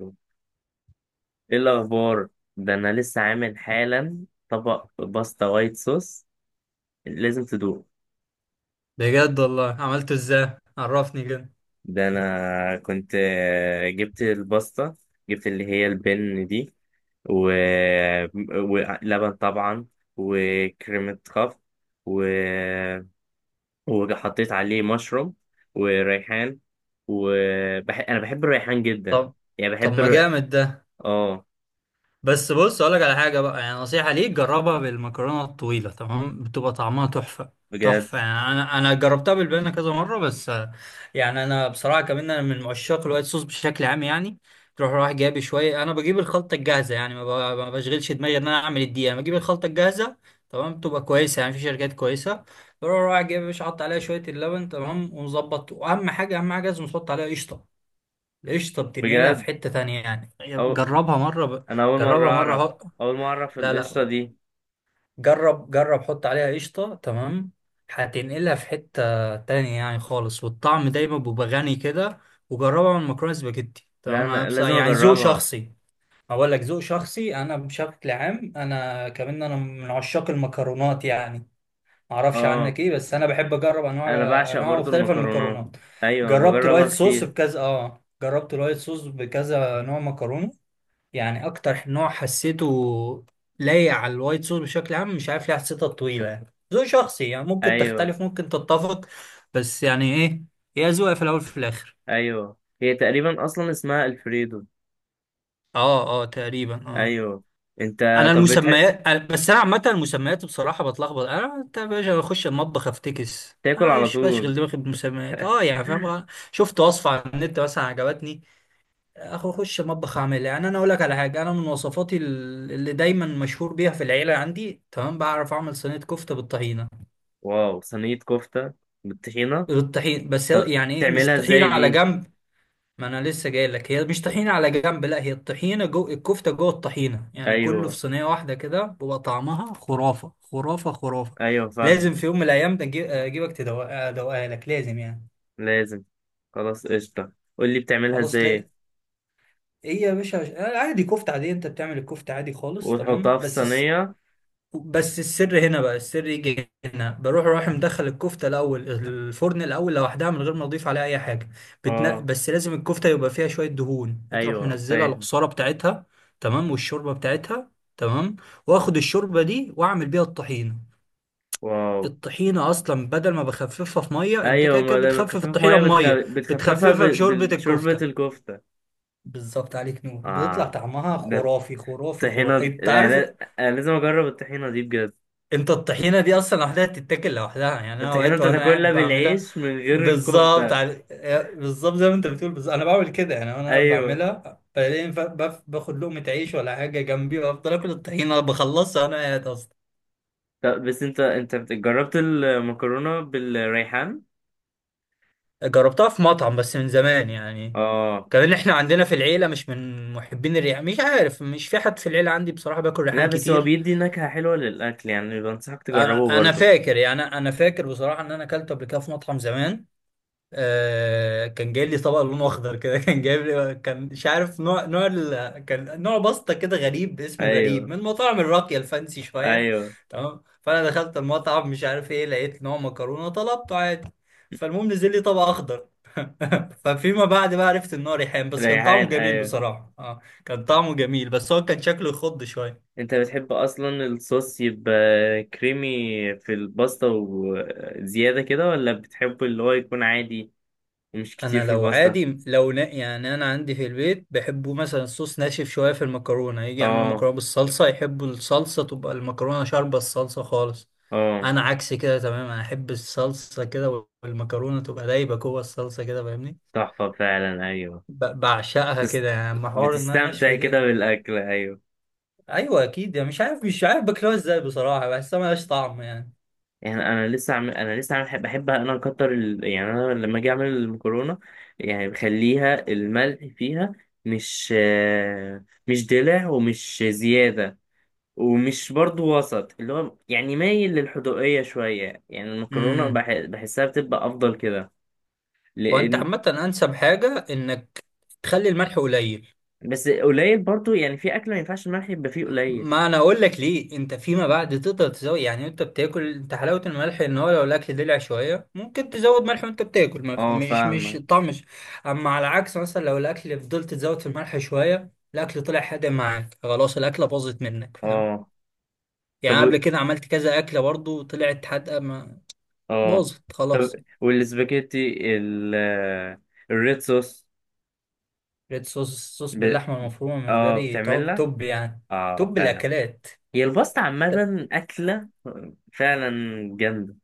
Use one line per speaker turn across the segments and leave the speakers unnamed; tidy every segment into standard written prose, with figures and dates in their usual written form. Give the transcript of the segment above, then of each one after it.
ايه الاخبار؟ ده انا لسه عامل حالا طبق باستا وايت صوص. لازم تدوق.
بجد والله عملته ازاي؟ عرفني كده.
ده انا كنت جبت الباستا، جبت اللي هي البن دي، و... ولبن طبعا، وكريمة خفق، و... وحطيت عليه مشروم وريحان. انا بحب الريحان جدا،
طب،
يعني
طب
بحب
ما جامد ده.
اه،
بس بص اقول لك على حاجه بقى، يعني نصيحه ليك، جربها بالمكرونه الطويله، تمام؟ بتبقى طعمها تحفه،
بجد؟
تحفه. يعني انا جربتها بالبنه كذا مره بس يعني انا بصراحه كمان انا من عشاق الوايت صوص بشكل عام. يعني تروح رايح جايب شويه، انا بجيب الخلطه الجاهزه، يعني ما بشغلش دماغي ان انا اعمل الدقيقه، انا بجيب الخلطه الجاهزه، تمام؟ بتبقى كويسه، يعني في شركات كويسه. بروح رايح جايب، مش حاطط عليها شويه اللبن، تمام؟ ومظبط. واهم حاجه، اهم حاجه لازم تحط عليها قشطه. قشطة بتنقلها في
بجد؟
حتة تانية يعني.
أو...
جربها مرة ب...
انا اول مرة
جربها مرة
اعرف
هو...
اول مرة اعرف
لا
القشطة
لا،
دي.
جرب، جرب حط عليها قشطة تمام، هتنقلها في حتة تانية يعني، خالص. والطعم دايما بيبقى غني كده. وجربها من مكرونة سباجيتي،
لا،
تمام؟
انا لازم
يعني ذوق
اجربها.
شخصي. أقول لك ذوق شخصي، أنا بشكل عام أنا كمان أنا من عشاق المكرونات يعني. معرفش
اه،
عنك ايه، بس انا بحب اجرب انواع،
انا بعشق
انواع
برضو
مختلفه من
المكرونات.
المكرونات.
ايوه، انا
جربت
بجربها
الوايت صوص
كتير.
بكذا، اه جربت الوايت صوص بكذا نوع مكرونه، يعني اكتر نوع حسيته لايق على الوايت صوص بشكل عام. مش عارف ليه حسيتها طويله، يعني ذوق شخصي، يعني ممكن
ايوه،
تختلف ممكن تتفق. بس يعني ايه، هي ذوق في الاول في الاخر.
ايوه، هي تقريبا اصلا اسمها الفريدو.
اه، اه، تقريبا اه.
ايوه. انت... طب
انا عامه المسميات بصراحه بتلخبط. انا انت يا باشا بخش المطبخ افتكس،
تاكل
انا
على
مش
طول؟
بشغل دماغي بمسميات، اه يعني فاهم شفت وصفه على النت مثلا عجبتني، اخش المطبخ اعملها. يعني انا اقول لك على حاجه، انا من وصفاتي اللي دايما مشهور بيها في العيله عندي، تمام؟ بعرف اعمل صينيه كفته بالطحينه.
واو، صينية كفتة بالطحينة؟
بالطحين، بس
طب
يعني ايه، مش
تعملها
طحينه
ازاي
على
دي؟
جنب. ما انا لسه جاي لك، هي مش طحينه على جنب، لا هي الطحينه جو الكفته، جوه الطحينه، يعني كله في
ايوه،
صينيه واحده كده، بيبقى طعمها خرافه، خرافه، خرافه.
ايوه، فاهم.
لازم في يوم من الايام ده ادوقها لك، لازم يعني.
لازم. خلاص، قشطة. قولي بتعملها
خلاص
ازاي.
لا. ايه يا باشا، عادي كفته عادي، انت بتعمل الكفته عادي خالص، تمام؟
وتحطها في
بس،
الصينية.
بس السر هنا بقى، السر يجي هنا، بروح رايح مدخل الكفته الاول الفرن الاول لوحدها من غير ما اضيف عليها اي حاجه.
اه،
بس لازم الكفته يبقى فيها شويه دهون، تروح
ايوه،
منزلها
فاهم.
العصاره بتاعتها، تمام؟ والشوربه بتاعتها، تمام؟ واخد الشوربه دي واعمل بيها الطحينه.
واو.
الطحينه اصلا بدل ما بخففها في ميه، انت
ايوه،
كده
ما
كده
لما تخفف
بتخفف الطحينه
ميه
بميه،
بتخففها
بتخففها بشوربه
بشوربة
الكفته.
الكفتة.
بالظبط، عليك نور. بيطلع
اه.
طعمها
ده
خرافي، خرافي،
الطحينة
خرافي، انت عارف.
انا لازم اجرب الطحينة دي بجد.
انت الطحينة دي اصلا لوحدها تتاكل لوحدها، يعني انا
الطحينة
اوقات
انت
وانا
تاكلها
قاعد بعملها.
بالعيش من غير
بالظبط
الكفتة؟
على... بالظبط زي ما انت بتقول، بالظبط انا بعمل كده. يعني انا قاعد
ايوه.
بعملها، بعدين باخد لقمة عيش ولا حاجة جنبي، وافضل اكل الطحينة، بخلصها وانا قاعد اصلا.
طب، بس انت، جربت المكرونة بالريحان؟
جربتها في مطعم بس من زمان يعني.
اه.
كمان احنا عندنا في العيلة مش من محبين الريحان، مش عارف، مش في حد في العيلة عندي بصراحة باكل
لا،
ريحان
بس هو
كتير.
بيدي نكهة حلوة للاكل، يعني بنصحك تجربه
انا
برضه.
فاكر، يعني انا فاكر بصراحة ان انا اكلته قبل كده في مطعم زمان. آه كان جاي لي طبق لونه اخضر كده كان جايب لي، كان مش عارف نوع ال... كان نوع باستا كده غريب، اسمه غريب،
ايوه،
من مطاعم الراقيه الفانسي شويه،
ايوه.
تمام؟ فانا دخلت المطعم مش عارف ايه، لقيت نوع مكرونه طلبته عادي. فالمهم نزل لي طبق اخضر ففيما بعد بقى عرفت ان هو ريحان، بس كان طعمه
ريحان.
جميل
ايوه.
بصراحه، اه كان طعمه جميل، بس هو كان شكله يخض شويه.
انت بتحب اصلا الصوص يبقى كريمي في الباستا وزيادة كده، ولا بتحب اللي هو يكون عادي ومش كتير
انا
في
لو
الباستا؟
عادي لو نا يعني انا عندي في البيت بيحبوا مثلا الصوص ناشف شويه في المكرونه، يجي يعملوا
اه،
مكرونه بالصلصه، يحبوا الصلصه تبقى المكرونه شاربه الصلصه خالص.
اه.
انا عكس كده تماما، انا احب الصلصه كده والمكرونه تبقى دايبه جوه الصلصه كده، فاهمني؟
تحفة فعلا، ايوه.
بعشقها
بتس...
كده يعني، اما حوار انها ناشفه
بتستمتع كده
دي.
بالاكل، ايوه.
ايوه اكيد يعني، مش عارف، مش عارف باكلها ازاي بصراحه، بحسها ملهاش طعم يعني.
يعني انا لسه عامل، بحب انا اكتر يعني انا لما اجي اعمل المكرونة، يعني بخليها الملح فيها، مش دلع ومش زيادة، ومش برضو وسط اللي هو يعني مايل للحدوقية شوية. يعني المكرونة
امم
بحسها بتبقى أفضل كده،
وانت
لأن...
عامه انسب حاجه انك تخلي الملح قليل.
بس قليل برضو، يعني في أكل ما ينفعش الملح يبقى فيه قليل.
ما انا اقول لك ليه، انت فيما بعد تقدر تزود، يعني انت بتاكل، انت حلاوه الملح ان هو لو الاكل دلع شويه ممكن تزود ملح وانت بتاكل ما في-
اه،
مش مش
فاهمة.
الطعم مش، اما على العكس مثلا لو الاكل فضلت تزود في الملح شويه، الاكل طلع حادق معاك، خلاص الاكله باظت منك، فاهم؟
اه، طب،
يعني قبل كده عملت كذا اكله برضو طلعت حادقه، ما
اه،
باظت
طب،
خلاص.
والسباجيتي الريد صوص.
ريد صوص، الصوص
ب...
باللحمه المفرومه بالنسبه
اه،
لي توب،
بتعملها.
توب يعني،
اه،
توب
فعلا.
الاكلات.
هي الباستا عامة أكلة، فعلا، جامدة.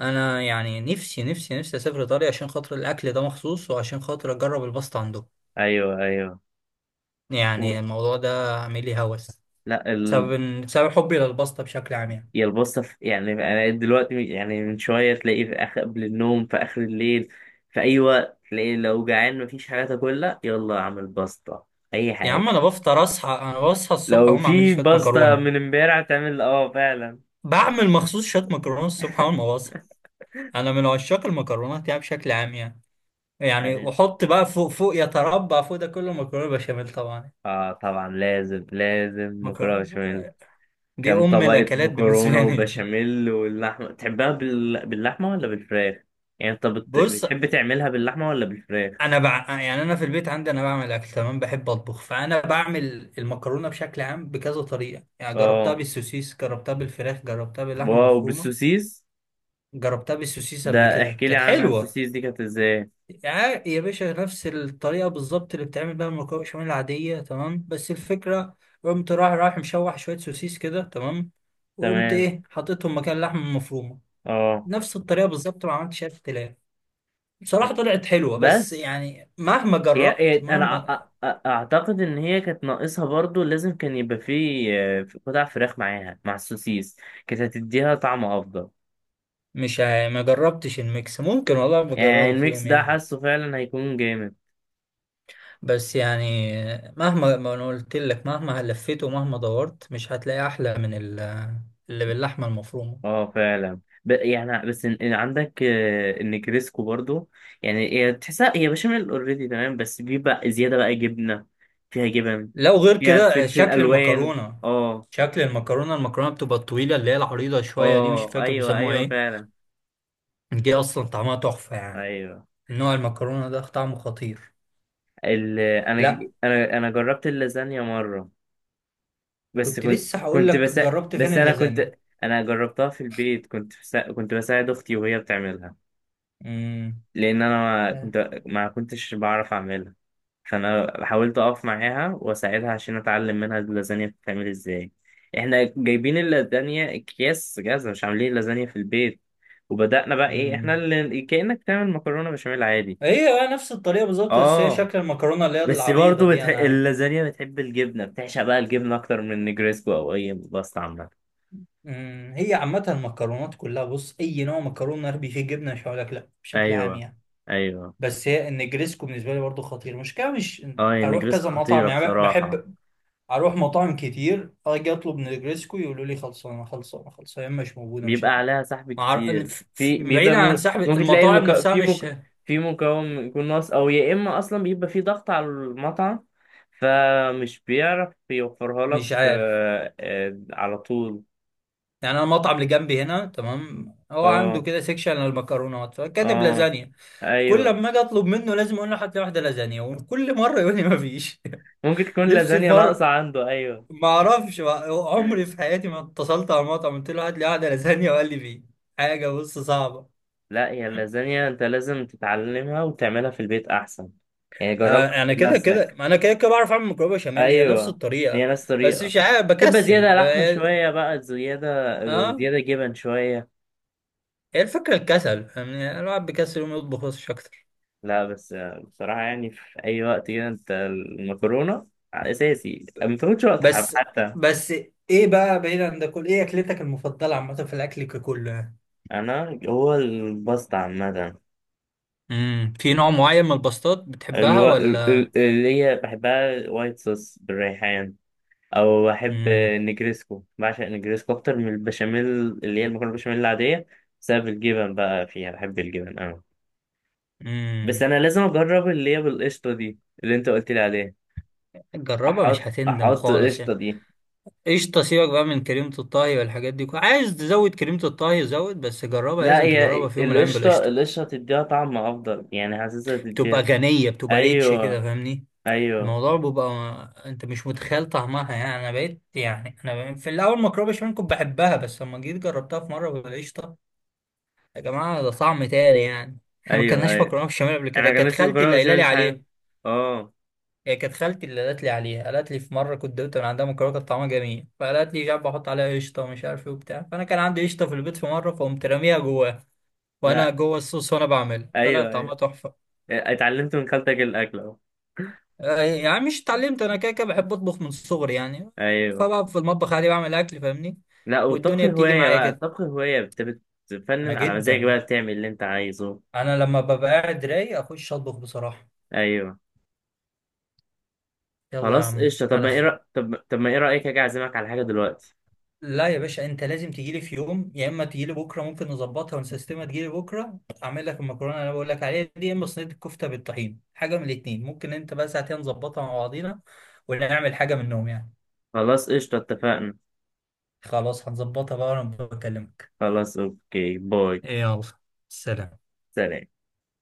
انا يعني نفسي، نفسي، نفسي اسافر ايطاليا عشان خاطر الاكل ده مخصوص، وعشان خاطر اجرب الباستا عندهم.
أيوه، أيوه. و...
يعني الموضوع ده عامل لي هوس
لا.
بسبب حبي للباستا بشكل عام يعني.
يا الباستا، يعني انا دلوقتي، يعني من شويه، تلاقيه في آخر قبل النوم، في اخر الليل. في اي وقت تلاقيه، لو جعان مفيش حاجه تاكلها يلا اعمل باستا. اي
يا عم انا
حاجه.
بفطر، اصحى، بصحى الصبح
لو
اقوم اعمل لي
في
شويه
باستا
مكرونه،
من امبارح تعمل، اه، فعلا.
بعمل مخصوص شويه مكرونه الصبح اول ما بصحى. انا من عشاق المكرونات يعني بشكل عام يعني. يعني
يعني،
واحط بقى فوق، فوق، يتربع فوق ده كله مكرونه بشاميل طبعا.
اه، طبعا لازم لازم مكرونه
مكرونه
بشاميل.
دي
كام
ام
طبقه
الاكلات بالنسبه
مكرونه
لي
وبشاميل؟ واللحمه تحبها باللحمه ولا بالفراخ؟ يعني انت
بص
بتحب تعملها باللحمه ولا بالفراخ؟
يعني انا في البيت عندي انا بعمل اكل، تمام؟ بحب اطبخ، فانا بعمل المكرونه بشكل عام بكذا طريقه، يعني جربتها
اه،
بالسوسيس، جربتها بالفراخ، جربتها باللحمه
واو،
المفرومه.
بالسوسيس.
جربتها بالسوسيس قبل
ده
كده
احكي لي
كانت
عنها،
حلوه.
السوسيس دي كانت ازاي؟
يا يا باشا نفس الطريقه بالظبط اللي بتعمل بيها المكرونه بشاميل العاديه، تمام؟ بس الفكره قمت رايح مشوح شويه سوسيس كده، تمام؟ وقمت
تمام.
ايه، حطيتهم مكان اللحمه المفرومه،
اه.
نفس الطريقه بالظبط، ما عملتش اي اختلاف. بصراحة طلعت حلوة، بس
بس
يعني مهما جربت،
انا أ-
مهما
أ- اعتقد ان هي كانت ناقصها، برضو لازم كان يبقى فيه قطع فراخ معاها مع السوسيس، كانت هتديها طعم افضل.
مش عا- ما جربتش الميكس، ممكن والله
يعني
بجربه
الميكس
فيهم
ده
يعني.
حاسه فعلا هيكون جامد.
بس يعني، مهما، ما انا قلت لك، مهما لفيت ومهما دورت مش هتلاقي احلى من اللي باللحمه المفرومه.
اه، فعلا. يعني، بس إن عندك النجريسكو برضو، يعني هي تحسها هي بشاميل اوريدي، تمام، بس بيبقى زيادة بقى جبنة، فيها جبن،
لو غير
فيها
كده
فلفل
شكل
الوان.
المكرونه،
اه،
شكل المكرونه، المكرونه بتبقى الطويله اللي هي العريضه شويه دي، مش
اه،
فاكر
ايوه،
بيسموها
ايوه،
ايه،
فعلا،
دي اصلا طعمها تحفه يعني،
ايوه.
نوع المكرونه ده طعمه خطير.
ال... انا
لا،
انا جربت اللازانيا مره، بس
كنت
كنت
لسه هقول
كنت
لك،
بس
جربت فين
بس انا
اللازانيا؟
كنت... انا جربتها في البيت، كنت بساعد اختي وهي بتعملها،
امم
لان انا ما كنتش بعرف اعملها. فانا حاولت اقف معاها واساعدها عشان اتعلم منها اللازانيا بتتعمل ازاي. احنا جايبين اللازانيا اكياس جاهزه، مش عاملين اللازانيا في البيت. وبدأنا بقى ايه،
لا.
احنا اللي كأنك تعمل مكرونه بشاميل عادي.
هي نفس الطريقة بالظبط، بس هي
اه،
شكل المكرونة اللي هي
بس
العريضة
برضه
دي أنا.
اللازانيا بتحب الجبنة، بتعشق بقى الجبنة أكتر من النجريسكو أو أي باستا عامة.
هي عامة المكرونات كلها، بص أي نوع مكرونة أربي فيه جبنة مش هقولك لأ، بشكل عام
أيوه،
يعني.
أيوه.
بس هي النجريسكو بالنسبة لي برضو خطير، المشكلة مش،
أه، هي
أروح
النجريسكو
كذا مطعم
خطيرة
يعني،
بصراحة.
بحب أروح مطاعم كتير، أجي أطلب نجريسكو يقولوا لي خلصانة، خلصانة، خلصانة، يا إما مش موجودة، مش
بيبقى
عارف.
عليها سحب كتير. في بيبقى
بعيدا عن سحب
ممكن تلاقي
المطاعم نفسها،
في
مش،
في مكون يكون ناقص، أو يا إما أصلا بيبقى في ضغط على المطعم، فمش بيعرف يوفرها لك
مش عارف.
على طول.
يعني أنا المطعم اللي جنبي هنا، تمام؟ هو عنده
أه،
كده سيكشن للمكرونات، فكاتب
أه،
لازانيا، كل
أيوه،
ما اجي اطلب منه لازم اقول له حتى واحده لازانيا، وكل مره يقول لي ما فيش.
ممكن تكون
نفسي في
لازانيا ناقصة
مره،
عنده، أيوه.
ما اعرفش ما- عمري في حياتي ما اتصلت على المطعم قلت له هات لي واحده لازانيا وقال لي فيه. حاجه بص صعبه.
لا، هي اللازانيا انت لازم تتعلمها وتعملها في البيت احسن، يعني جربها
انا كده كده
بنفسك.
انا كده كده بعرف اعمل مكرونه بشاميل، هي نفس
ايوه، هي
الطريقه،
نفس
بس
طريقه،
مش عارف
تبقى
بكسل
زياده لحمه شويه، بقى زياده،
اه،
وزياده جبن شويه.
هي الفكره الكسل، يعني الواحد بيكسل وما يطبخش اكتر.
لا، بس بصراحه يعني في اي وقت كده، انت المكرونه اساسي ما تاخدش وقت،
بس
حتى...
بس ايه بقى بعيد عن ده كل ايه اكلتك المفضله عامه في الاكل ككله؟
انا هو الباستا عامه.
في نوع معين من الباستات بتحبها ولا؟
اللي هي بحبها وايت صوص بالريحان، او بحب
امم
النجريسكو، بعشق النجريسكو اكتر من البشاميل، اللي هي المكرونه البشاميل العاديه، بسبب الجبن بقى فيها، بحب الجبن أوي. بس
امم
انا لازم اجرب اللي هي بالقشطه دي اللي انت قلت لي عليها،
جربها
احط
مش هتندم
احط
خالص
القشطه
يعني.
دي.
قشطة سيبك بقى من كريمة الطهي والحاجات دي، عايز تزود كريمة الطهي زود، بس جربها،
لا،
لازم تجربها
هي
في يوم من الأيام
القشطه
بالقشطة.
القشطه تديها طعم افضل، يعني حاسسها
بتبقى
تديها.
غنية، بتبقى ريتش كده،
ايوه،
فاهمني؟
ايوه،
الموضوع بيبقى، انت مش متخيل طعمها يعني، انا بقيت، يعني في الاول مكرونه بشاميل كنت بحبها، بس لما جيت جربتها في مره بالقشطه، يا جماعه ده طعم تاني يعني. احنا ما
ايوه،
كناش
ايوه.
مكرونه بشاميل قبل
انا
كده،
ما
كانت
جربتش
خالتي
المكرونه
اللي قايله لي
بالبشاميل في حياتي.
عليه.
اه.
هي كانت خالتي اللي قالت لي عليها، قالت لي في مره كنت دوت من عندها مكرونه كانت طعمها جميل، فقالت لي جاب احط عليها قشطه ومش عارف ايه وبتاع، فانا كان عندي قشطه في البيت في مره، فقمت راميها جواها وانا
لا.
جوه الصوص، وانا بعمل طلع
ايوه،
طعمها
ايوه.
تحفه.
اتعلمت من خالتك الاكل اهو.
يعني مش اتعلمت، انا كده كده بحب اطبخ من صغري يعني،
ايوه.
فبقى في المطبخ عادي بعمل اكل، فاهمني؟
لا، والطبخ
والدنيا بتيجي
هواية
معايا
بقى،
كده.
الطبخ هواية، انت
انا
بتفنن على مزاجك، بقى
جدا،
بتعمل اللي انت عايزه.
انا لما ببقى قاعد رايق اخش اطبخ بصراحه.
ايوه.
يلا يا
خلاص
عم
قشطة. طب، ما
على
ايه
خير.
طب ما ايه رأيك اجي اعزمك على حاجة دلوقتي؟
لا يا باشا، انت لازم تجيلي في يوم، يا اما تجيلي بكره ممكن نظبطها ونسيستمها، تجيلي بكره اعمل لك المكرونه اللي انا بقول لك عليها دي، يا اما صينيه الكفته بالطحين، حاجه من الاتنين، ممكن انت بقى ساعتين نظبطها مع بعضينا، ولا نعمل حاجه منهم يعني.
خلاص قشطة، اتفقنا.
خلاص هنظبطها بقى وانا بكلمك.
خلاص، اوكي، باي.
يلا، سلام.
سلام.